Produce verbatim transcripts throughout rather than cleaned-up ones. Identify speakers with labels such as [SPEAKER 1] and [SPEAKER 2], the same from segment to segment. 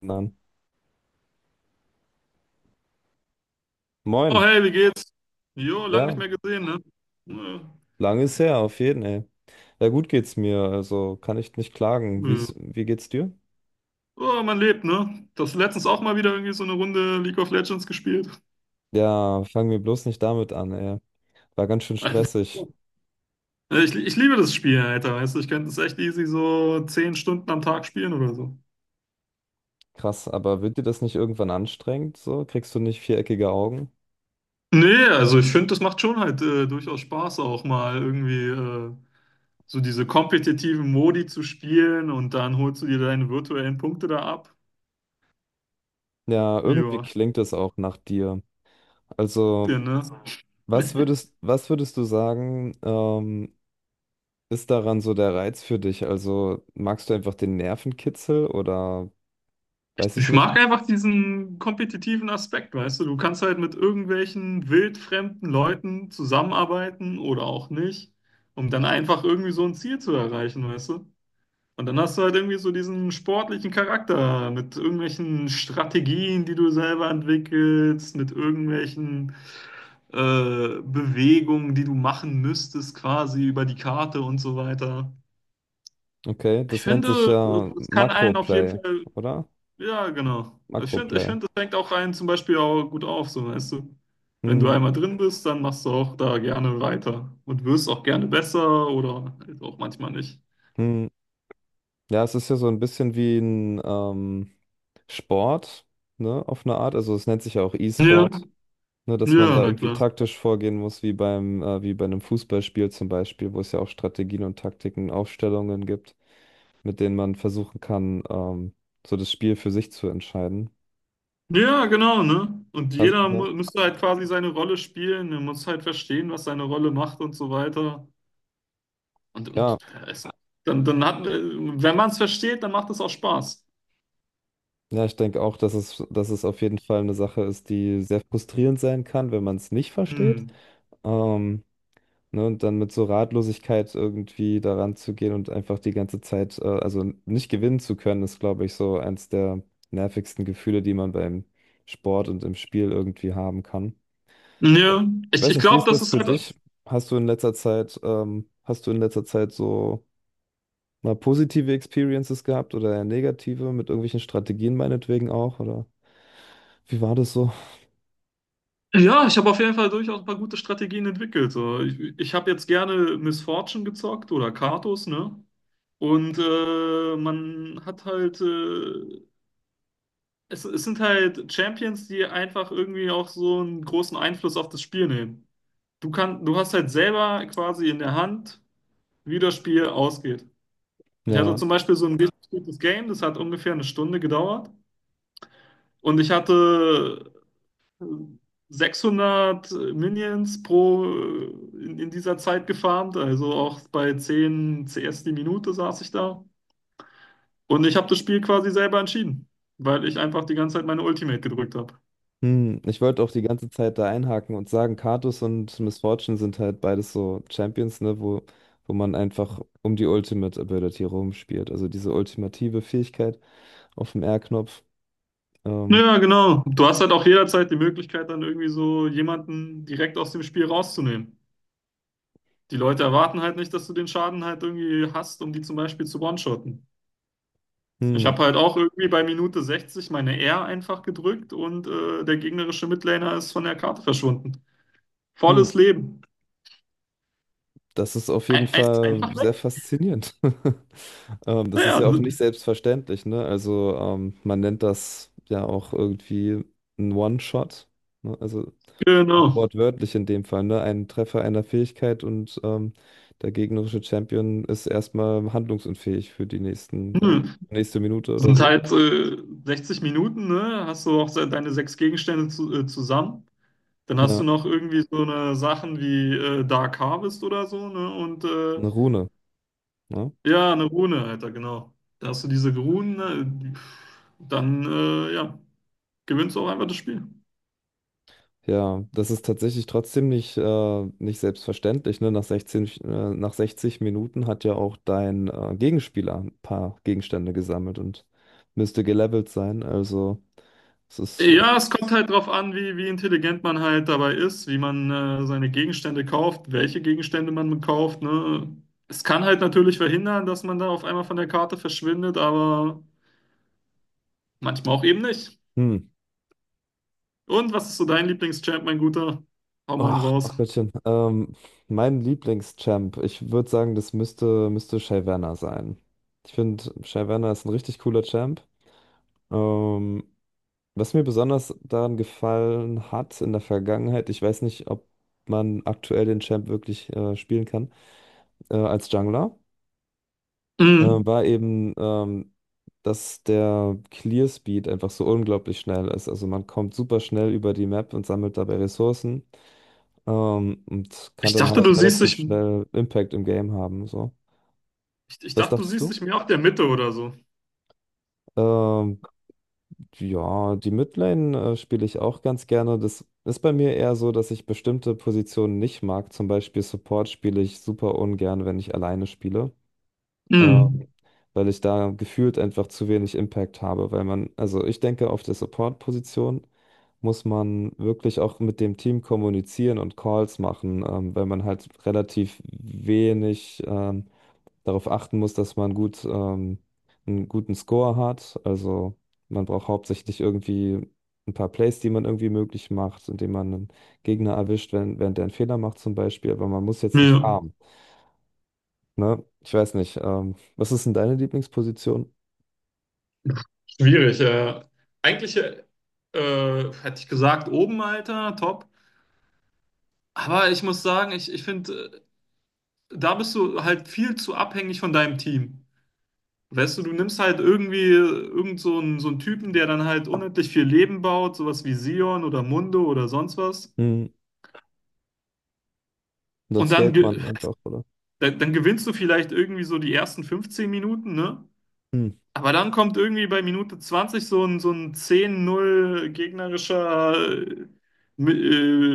[SPEAKER 1] Nein.
[SPEAKER 2] Oh,
[SPEAKER 1] Moin.
[SPEAKER 2] hey, wie geht's? Jo, lang
[SPEAKER 1] Ja,
[SPEAKER 2] nicht mehr gesehen, ne? Ja.
[SPEAKER 1] lange ist her, auf jeden, ey. Ja, gut geht's mir, also kann ich nicht klagen.
[SPEAKER 2] Ja.
[SPEAKER 1] Wie's, wie geht's dir?
[SPEAKER 2] Oh, man lebt, ne? Das letztens auch mal wieder irgendwie so eine Runde League of Legends gespielt.
[SPEAKER 1] Ja, fangen wir bloß nicht damit an, ey. War ganz schön stressig.
[SPEAKER 2] Ich, ich liebe das Spiel, Alter, weißt du, ich könnte es echt easy so zehn Stunden am Tag spielen oder so.
[SPEAKER 1] Krass, aber wird dir das nicht irgendwann anstrengend, so? Kriegst du nicht viereckige Augen?
[SPEAKER 2] Nee, also ich finde, das macht schon halt äh, durchaus Spaß, auch mal irgendwie äh, so diese kompetitiven Modi zu spielen und dann holst du dir deine virtuellen Punkte da ab.
[SPEAKER 1] Ja, irgendwie
[SPEAKER 2] Ja,
[SPEAKER 1] klingt das auch nach dir.
[SPEAKER 2] ja,
[SPEAKER 1] Also,
[SPEAKER 2] ne?
[SPEAKER 1] was würdest, was würdest du sagen, ähm, ist daran so der Reiz für dich? Also, magst du einfach den Nervenkitzel oder
[SPEAKER 2] Ich,
[SPEAKER 1] weiß ich
[SPEAKER 2] ich
[SPEAKER 1] nicht?
[SPEAKER 2] mag einfach diesen kompetitiven Aspekt, weißt du? Du kannst halt mit irgendwelchen wildfremden Leuten zusammenarbeiten oder auch nicht, um dann einfach irgendwie so ein Ziel zu erreichen, weißt du? Und dann hast du halt irgendwie so diesen sportlichen Charakter mit irgendwelchen Strategien, die du selber entwickelst, mit irgendwelchen äh, Bewegungen, die du machen müsstest, quasi über die Karte und so weiter.
[SPEAKER 1] Okay,
[SPEAKER 2] Ich
[SPEAKER 1] das nennt sich
[SPEAKER 2] finde,
[SPEAKER 1] ja
[SPEAKER 2] es kann einen auf jeden
[SPEAKER 1] Makroplay,
[SPEAKER 2] Fall
[SPEAKER 1] oder?
[SPEAKER 2] ja, genau. Ich finde, ich
[SPEAKER 1] Makroplay.
[SPEAKER 2] find, das fängt auch einen zum Beispiel auch gut auf, so weißt du. Wenn du
[SPEAKER 1] Hm,
[SPEAKER 2] einmal drin bist, dann machst du auch da gerne weiter und wirst auch gerne besser oder halt auch manchmal nicht.
[SPEAKER 1] hm. Ja, es ist ja so ein bisschen wie ein ähm, Sport, ne, auf eine Art. Also es nennt sich ja auch
[SPEAKER 2] Ja,
[SPEAKER 1] E-Sport, ne, dass man
[SPEAKER 2] ja,
[SPEAKER 1] da
[SPEAKER 2] na
[SPEAKER 1] irgendwie
[SPEAKER 2] klar.
[SPEAKER 1] taktisch vorgehen muss, wie beim, äh, wie bei einem Fußballspiel zum Beispiel, wo es ja auch Strategien und Taktiken, Aufstellungen gibt, mit denen man versuchen kann, ähm, so das Spiel für sich zu entscheiden.
[SPEAKER 2] Ja, genau, ne? Und
[SPEAKER 1] Das,
[SPEAKER 2] jeder
[SPEAKER 1] ja.
[SPEAKER 2] mu müsste halt quasi seine Rolle spielen, er muss halt verstehen, was seine Rolle macht und so weiter. Und, und
[SPEAKER 1] Ja,
[SPEAKER 2] äh, es, dann, dann hat, äh, Wenn man es versteht, dann macht es auch Spaß.
[SPEAKER 1] ja, ich denke auch, dass es, dass es auf jeden Fall eine Sache ist, die sehr frustrierend sein kann, wenn man es nicht versteht.
[SPEAKER 2] Hm.
[SPEAKER 1] Ähm, ne, und dann mit so Ratlosigkeit irgendwie daran zu gehen und einfach die ganze Zeit, äh, also nicht gewinnen zu können, ist, glaube ich, so eins der nervigsten Gefühle, die man beim Sport und im Spiel irgendwie haben kann.
[SPEAKER 2] Ja,
[SPEAKER 1] Ich
[SPEAKER 2] ich,
[SPEAKER 1] weiß
[SPEAKER 2] ich
[SPEAKER 1] nicht, wie
[SPEAKER 2] glaube,
[SPEAKER 1] ist
[SPEAKER 2] das
[SPEAKER 1] das
[SPEAKER 2] ist
[SPEAKER 1] für dich?
[SPEAKER 2] halt.
[SPEAKER 1] Hast du in letzter Zeit, ähm, hast du in letzter Zeit so mal positive Experiences gehabt oder eher negative mit irgendwelchen Strategien meinetwegen auch? Oder wie war das so?
[SPEAKER 2] Ja, ich habe auf jeden Fall durchaus ein paar gute Strategien entwickelt. So. Ich, ich habe jetzt gerne Miss Fortune gezockt oder Karthus, ne? Und äh, man hat halt, äh, es, es sind halt Champions, die einfach irgendwie auch so einen großen Einfluss auf das Spiel nehmen. Du kann, du hast halt selber quasi in der Hand, wie das Spiel ausgeht. Ich hatte
[SPEAKER 1] Ja.
[SPEAKER 2] zum Beispiel so ein richtig gutes Game, das hat ungefähr eine Stunde gedauert. Und ich hatte sechshundert Minions pro äh, in, in dieser Zeit gefarmt, also auch bei zehn C S die Minute saß ich da. Und ich habe das Spiel quasi selber entschieden, weil ich einfach die ganze Zeit meine Ultimate gedrückt habe.
[SPEAKER 1] Hm, ich wollte auch die ganze Zeit da einhaken und sagen, Katus und Miss Fortune sind halt beides so Champions, ne, wo, wo man einfach um die Ultimate Ability rumspielt. Also diese ultimative Fähigkeit auf dem R-Knopf. Ähm,
[SPEAKER 2] Ja, genau. Du hast halt auch jederzeit die Möglichkeit, dann irgendwie so jemanden direkt aus dem Spiel rauszunehmen. Die Leute erwarten halt nicht, dass du den Schaden halt irgendwie hast, um die zum Beispiel zu one-shotten. Ich
[SPEAKER 1] hm,
[SPEAKER 2] habe halt auch irgendwie bei Minute sechzig meine R einfach gedrückt und äh, der gegnerische Midlaner ist von der Karte verschwunden.
[SPEAKER 1] hm,
[SPEAKER 2] Volles Leben.
[SPEAKER 1] das ist auf jeden
[SPEAKER 2] Ein, ein,
[SPEAKER 1] Fall
[SPEAKER 2] einfach
[SPEAKER 1] sehr
[SPEAKER 2] weg.
[SPEAKER 1] faszinierend. Ähm, das ist
[SPEAKER 2] Ja,
[SPEAKER 1] ja auch nicht selbstverständlich, ne? Also ähm, man nennt das ja auch irgendwie ein One-Shot. Ne? Also Auch
[SPEAKER 2] genau.
[SPEAKER 1] wortwörtlich in dem Fall, ne? Ein Treffer einer Fähigkeit und ähm, der gegnerische Champion ist erstmal handlungsunfähig für die nächsten, ja,
[SPEAKER 2] Hm.
[SPEAKER 1] nächste Minute
[SPEAKER 2] Das
[SPEAKER 1] oder
[SPEAKER 2] sind
[SPEAKER 1] so.
[SPEAKER 2] halt äh, sechzig Minuten, ne? Hast du auch se- deine sechs Gegenstände zu, äh, zusammen. Dann hast
[SPEAKER 1] Ja,
[SPEAKER 2] du noch irgendwie so eine Sachen wie äh, Dark Harvest oder so, ne? Und äh,
[SPEAKER 1] eine Rune, ne?
[SPEAKER 2] ja, eine Rune, Alter, genau. Da hast du diese Runen, ne? Dann äh, Ja, gewinnst du auch einfach das Spiel.
[SPEAKER 1] Ja, das ist tatsächlich trotzdem nicht, äh, nicht selbstverständlich, ne? Nach sechzehn, äh, nach sechzig Minuten hat ja auch dein äh, Gegenspieler ein paar Gegenstände gesammelt und müsste gelevelt sein. Also, es ist, äh,
[SPEAKER 2] Ja, es kommt halt drauf an, wie, wie intelligent man halt dabei ist, wie man äh, seine Gegenstände kauft, welche Gegenstände man kauft, ne? Es kann halt natürlich verhindern, dass man da auf einmal von der Karte verschwindet, aber manchmal auch eben nicht.
[SPEAKER 1] hm.
[SPEAKER 2] Und was ist so dein Lieblingschamp, mein Guter? Hau mal
[SPEAKER 1] Oh,
[SPEAKER 2] einen raus.
[SPEAKER 1] ach Gottchen. Ähm, mein Lieblingschamp. Ich würde sagen, das müsste, müsste Shyvana sein. Ich finde, Shyvana ist ein richtig cooler Champ. Ähm, was mir besonders daran gefallen hat in der Vergangenheit, ich weiß nicht, ob man aktuell den Champ wirklich äh, spielen kann, äh, als Jungler, äh,
[SPEAKER 2] Mhm.
[SPEAKER 1] war eben, ähm, dass der Clear Speed einfach so unglaublich schnell ist. Also man kommt super schnell über die Map und sammelt dabei Ressourcen. Ähm, und kann
[SPEAKER 2] Ich
[SPEAKER 1] dann
[SPEAKER 2] dachte,
[SPEAKER 1] halt
[SPEAKER 2] du siehst
[SPEAKER 1] relativ
[SPEAKER 2] dich, ich,
[SPEAKER 1] schnell Impact im Game haben. So.
[SPEAKER 2] ich
[SPEAKER 1] Was
[SPEAKER 2] dachte, du
[SPEAKER 1] dachtest
[SPEAKER 2] siehst
[SPEAKER 1] du?
[SPEAKER 2] dich mehr auf der Mitte oder so.
[SPEAKER 1] Ähm, ja, die Midlane äh, spiele ich auch ganz gerne. Das ist bei mir eher so, dass ich bestimmte Positionen nicht mag. Zum Beispiel Support spiele ich super ungern, wenn ich alleine spiele. Ähm,
[SPEAKER 2] Mhm.
[SPEAKER 1] weil ich da gefühlt einfach zu wenig Impact habe. Weil man, also ich denke, auf der Support-Position muss man wirklich auch mit dem Team kommunizieren und Calls machen, ähm, weil man halt relativ wenig. ähm, darauf achten muss, dass man gut, ähm, einen guten Score hat. Also man braucht hauptsächlich irgendwie ein paar Plays, die man irgendwie möglich macht, indem man einen Gegner erwischt, wenn, während der einen Fehler macht zum Beispiel. Aber man muss jetzt nicht
[SPEAKER 2] Ja.
[SPEAKER 1] farmen. Ne? Ich weiß nicht. Ähm, was ist denn deine Lieblingsposition?
[SPEAKER 2] Schwierig. Äh, eigentlich äh, äh, hätte ich gesagt, oben, Alter, top. Aber ich muss sagen, ich, ich finde, da bist du halt viel zu abhängig von deinem Team. Weißt du, du nimmst halt irgendwie äh, irgend so einen, so einen Typen, der dann halt unendlich viel Leben baut, sowas wie Sion oder Mundo oder sonst was.
[SPEAKER 1] Hm, sonst
[SPEAKER 2] Und
[SPEAKER 1] scaled
[SPEAKER 2] dann,
[SPEAKER 1] man
[SPEAKER 2] ge-
[SPEAKER 1] einfach, oder?
[SPEAKER 2] dann, dann gewinnst du vielleicht irgendwie so die ersten fünfzehn Minuten, ne?
[SPEAKER 1] Hm.
[SPEAKER 2] Aber dann kommt irgendwie bei Minute zwanzig so ein, so ein zehn null gegnerischer äh, Mi-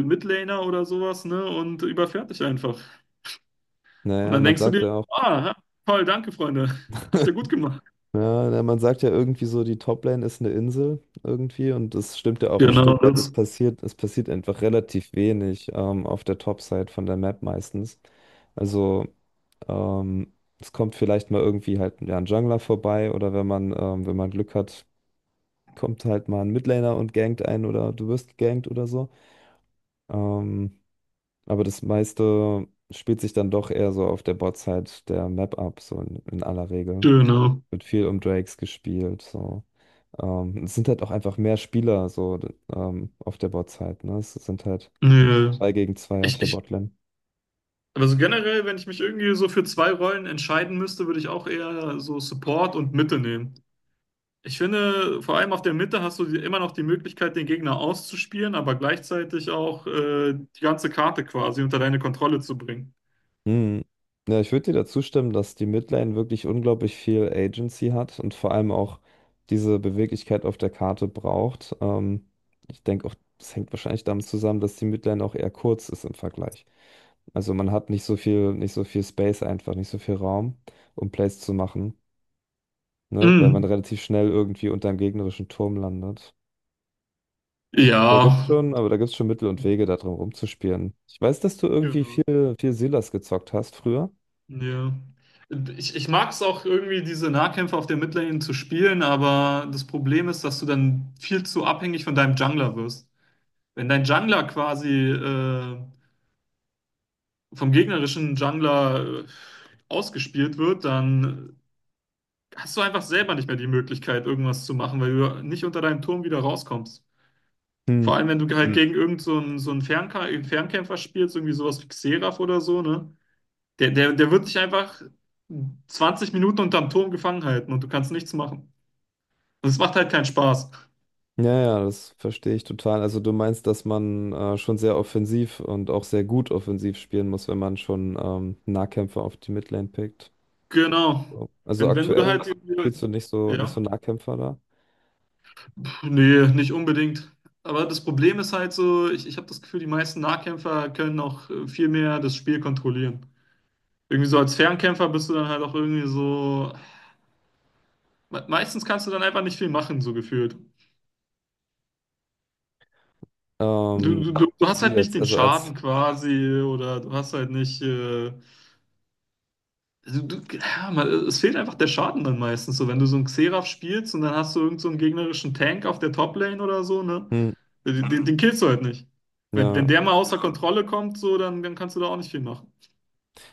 [SPEAKER 2] äh, Midlaner oder sowas, ne? Und überfährt dich einfach. Und
[SPEAKER 1] Naja,
[SPEAKER 2] dann
[SPEAKER 1] man
[SPEAKER 2] denkst du
[SPEAKER 1] sagt
[SPEAKER 2] dir,
[SPEAKER 1] ja auch.
[SPEAKER 2] ah, toll, danke, Freunde. Habt ihr gut gemacht.
[SPEAKER 1] Ja, na, man sagt ja irgendwie so, die Toplane ist eine Insel irgendwie und das stimmt ja auch ein
[SPEAKER 2] Genau,
[SPEAKER 1] Stück weit. Es
[SPEAKER 2] das.
[SPEAKER 1] passiert, es passiert einfach relativ wenig ähm, auf der Topside von der Map meistens. Also ähm, es kommt vielleicht mal irgendwie halt ja, ein Jungler vorbei oder wenn man, ähm, wenn man Glück hat, kommt halt mal ein Midlaner und gankt einen oder du wirst gegankt oder so. Ähm, aber das meiste spielt sich dann doch eher so auf der Botside der Map ab, so in, in aller Regel
[SPEAKER 2] Genau.
[SPEAKER 1] wird viel um Drakes gespielt. So. Ähm, es sind halt auch einfach mehr Spieler so d- ähm, auf der bot. Ne? Es sind halt
[SPEAKER 2] Nee.
[SPEAKER 1] zwei gegen zwei auf
[SPEAKER 2] Ich,
[SPEAKER 1] der
[SPEAKER 2] ich,
[SPEAKER 1] Botlane.
[SPEAKER 2] aber so generell, wenn ich mich irgendwie so für zwei Rollen entscheiden müsste, würde ich auch eher so Support und Mitte nehmen. Ich finde, vor allem auf der Mitte hast du die, immer noch die Möglichkeit, den Gegner auszuspielen, aber gleichzeitig auch äh, die ganze Karte quasi unter deine Kontrolle zu bringen.
[SPEAKER 1] Hm. Ja, ich würde dir dazu stimmen, dass die Midlane wirklich unglaublich viel Agency hat und vor allem auch diese Beweglichkeit auf der Karte braucht. Ähm, ich denke auch, das hängt wahrscheinlich damit zusammen, dass die Midlane auch eher kurz ist im Vergleich. Also man hat nicht so viel, nicht so viel Space einfach, nicht so viel Raum, um Plays zu machen, ne, weil man
[SPEAKER 2] Mhm.
[SPEAKER 1] relativ schnell irgendwie unter einem gegnerischen Turm landet. Da
[SPEAKER 2] Ja.
[SPEAKER 1] gibt's schon, aber da gibt's schon Mittel und Wege, da drum rumzuspielen. Ich weiß, dass du irgendwie
[SPEAKER 2] Genau.
[SPEAKER 1] viel, viel Silas gezockt hast früher.
[SPEAKER 2] Ja. Ich, ich mag es auch irgendwie, diese Nahkämpfe auf der Midlane zu spielen, aber das Problem ist, dass du dann viel zu abhängig von deinem Jungler wirst. Wenn dein Jungler quasi äh, vom gegnerischen Jungler äh, ausgespielt wird, dann hast du einfach selber nicht mehr die Möglichkeit, irgendwas zu machen, weil du nicht unter deinem Turm wieder rauskommst. Vor
[SPEAKER 1] Hm.
[SPEAKER 2] allem, wenn du halt
[SPEAKER 1] Hm.
[SPEAKER 2] gegen irgend so einen, so einen Fernka- Fernkämpfer spielst, irgendwie sowas wie Xerath oder so, ne? Der, der, der wird dich einfach zwanzig Minuten unterm Turm gefangen halten und du kannst nichts machen. Und es macht halt keinen Spaß.
[SPEAKER 1] Ja, ja, das verstehe ich total. Also du meinst, dass man äh, schon sehr offensiv und auch sehr gut offensiv spielen muss, wenn man schon ähm, Nahkämpfer auf die Midlane pickt.
[SPEAKER 2] Genau.
[SPEAKER 1] So. Also
[SPEAKER 2] Denn wenn du
[SPEAKER 1] aktuell
[SPEAKER 2] halt,
[SPEAKER 1] spielst
[SPEAKER 2] die-
[SPEAKER 1] du nicht so nicht so
[SPEAKER 2] ja,
[SPEAKER 1] Nahkämpfer da.
[SPEAKER 2] pff, nee, nicht unbedingt. Aber das Problem ist halt so, ich, ich habe das Gefühl, die meisten Nahkämpfer können auch äh, viel mehr das Spiel kontrollieren. Irgendwie so als Fernkämpfer bist du dann halt auch irgendwie so, me- meistens kannst du dann einfach nicht viel machen, so gefühlt. Du, du,
[SPEAKER 1] Ähm,
[SPEAKER 2] du du hast
[SPEAKER 1] wie
[SPEAKER 2] halt nicht
[SPEAKER 1] jetzt,
[SPEAKER 2] den
[SPEAKER 1] also als
[SPEAKER 2] Schaden quasi oder du hast halt nicht äh, also, du, ja, man, es fehlt einfach der Schaden dann meistens. So, wenn du so einen Xerath spielst und dann hast du irgend so einen gegnerischen Tank auf der Top-Lane oder so, ne?
[SPEAKER 1] hm,
[SPEAKER 2] Den, den den killst du halt nicht. Wenn,
[SPEAKER 1] ja,
[SPEAKER 2] wenn der mal außer Kontrolle kommt, so, dann, dann kannst du da auch nicht viel machen.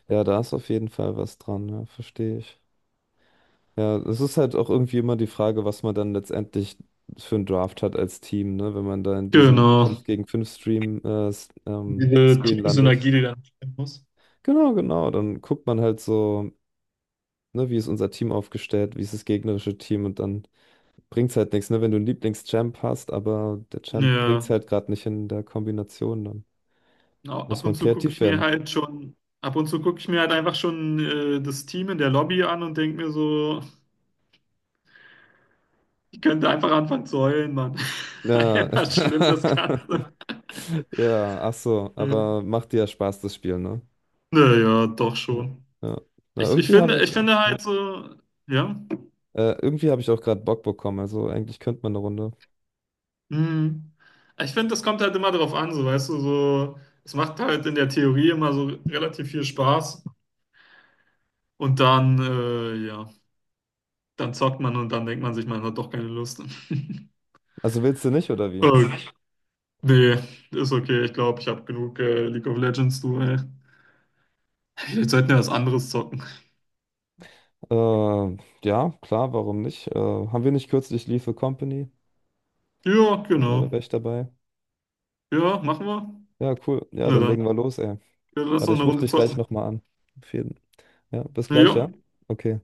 [SPEAKER 1] ja, da ist auf jeden Fall was dran, ja, verstehe ich. Ja, es ist halt auch irgendwie immer die Frage, was man dann letztendlich für einen Draft hat als Team, ne? Wenn man da in diesem
[SPEAKER 2] Genau.
[SPEAKER 1] fünf gegen fünf Stream äh, s- ähm,
[SPEAKER 2] Diese
[SPEAKER 1] Screen landet.
[SPEAKER 2] Teamsynergie, die dann stimmen muss.
[SPEAKER 1] Genau, genau. Dann guckt man halt so, ne, wie ist unser Team aufgestellt, wie ist das gegnerische Team und dann bringt's halt nichts, ne? Wenn du einen Lieblingschamp hast, aber der Champ bringt's
[SPEAKER 2] Ja.
[SPEAKER 1] halt gerade nicht in der Kombination, dann
[SPEAKER 2] Au-
[SPEAKER 1] muss
[SPEAKER 2] Ab
[SPEAKER 1] man
[SPEAKER 2] und zu gucke
[SPEAKER 1] kreativ
[SPEAKER 2] ich mir
[SPEAKER 1] werden.
[SPEAKER 2] halt schon, ab und zu gucke ich mir halt einfach schon äh, das Team in der Lobby an und denke mir so, ich könnte einfach anfangen zu heulen, Mann.
[SPEAKER 1] Ja.
[SPEAKER 2] Einfach schlimm, das Ganze.
[SPEAKER 1] Ja, ach so,
[SPEAKER 2] Äh,
[SPEAKER 1] aber macht dir ja Spaß, das Spiel, ne?
[SPEAKER 2] Naja, doch
[SPEAKER 1] Ja.
[SPEAKER 2] schon.
[SPEAKER 1] Ja. Na,
[SPEAKER 2] Ich, ich
[SPEAKER 1] irgendwie habe
[SPEAKER 2] finde,
[SPEAKER 1] ich
[SPEAKER 2] ich
[SPEAKER 1] ja.
[SPEAKER 2] finde
[SPEAKER 1] Ja.
[SPEAKER 2] halt so, ja,
[SPEAKER 1] Äh, irgendwie habe ich auch gerade Bock bekommen, also eigentlich könnte man eine Runde.
[SPEAKER 2] hm, ich finde, das kommt halt immer darauf an, so, weißt du, so, es macht halt in der Theorie immer so relativ viel Spaß und dann, äh, ja, dann zockt man und dann denkt man sich, man hat doch keine Lust.
[SPEAKER 1] Also willst du nicht, oder wie?
[SPEAKER 2] Äh, Nee, ist okay, ich glaube, ich habe genug äh, League of Legends, du, ey. Vielleicht sollten wir was anderes zocken.
[SPEAKER 1] Äh, ja, klar, warum nicht? Äh, haben wir nicht kürzlich Lethal Company?
[SPEAKER 2] Ja,
[SPEAKER 1] Äh, da
[SPEAKER 2] genau.
[SPEAKER 1] wäre ich dabei.
[SPEAKER 2] Ja, machen wir.
[SPEAKER 1] Ja, cool. Ja,
[SPEAKER 2] Na
[SPEAKER 1] dann
[SPEAKER 2] dann,
[SPEAKER 1] legen wir los, ey.
[SPEAKER 2] ja, lass
[SPEAKER 1] Warte,
[SPEAKER 2] noch eine
[SPEAKER 1] ich rufe
[SPEAKER 2] Runde
[SPEAKER 1] dich gleich
[SPEAKER 2] zocken.
[SPEAKER 1] nochmal an. Auf jeden. Ja, bis gleich,
[SPEAKER 2] Ja.
[SPEAKER 1] ja? Okay.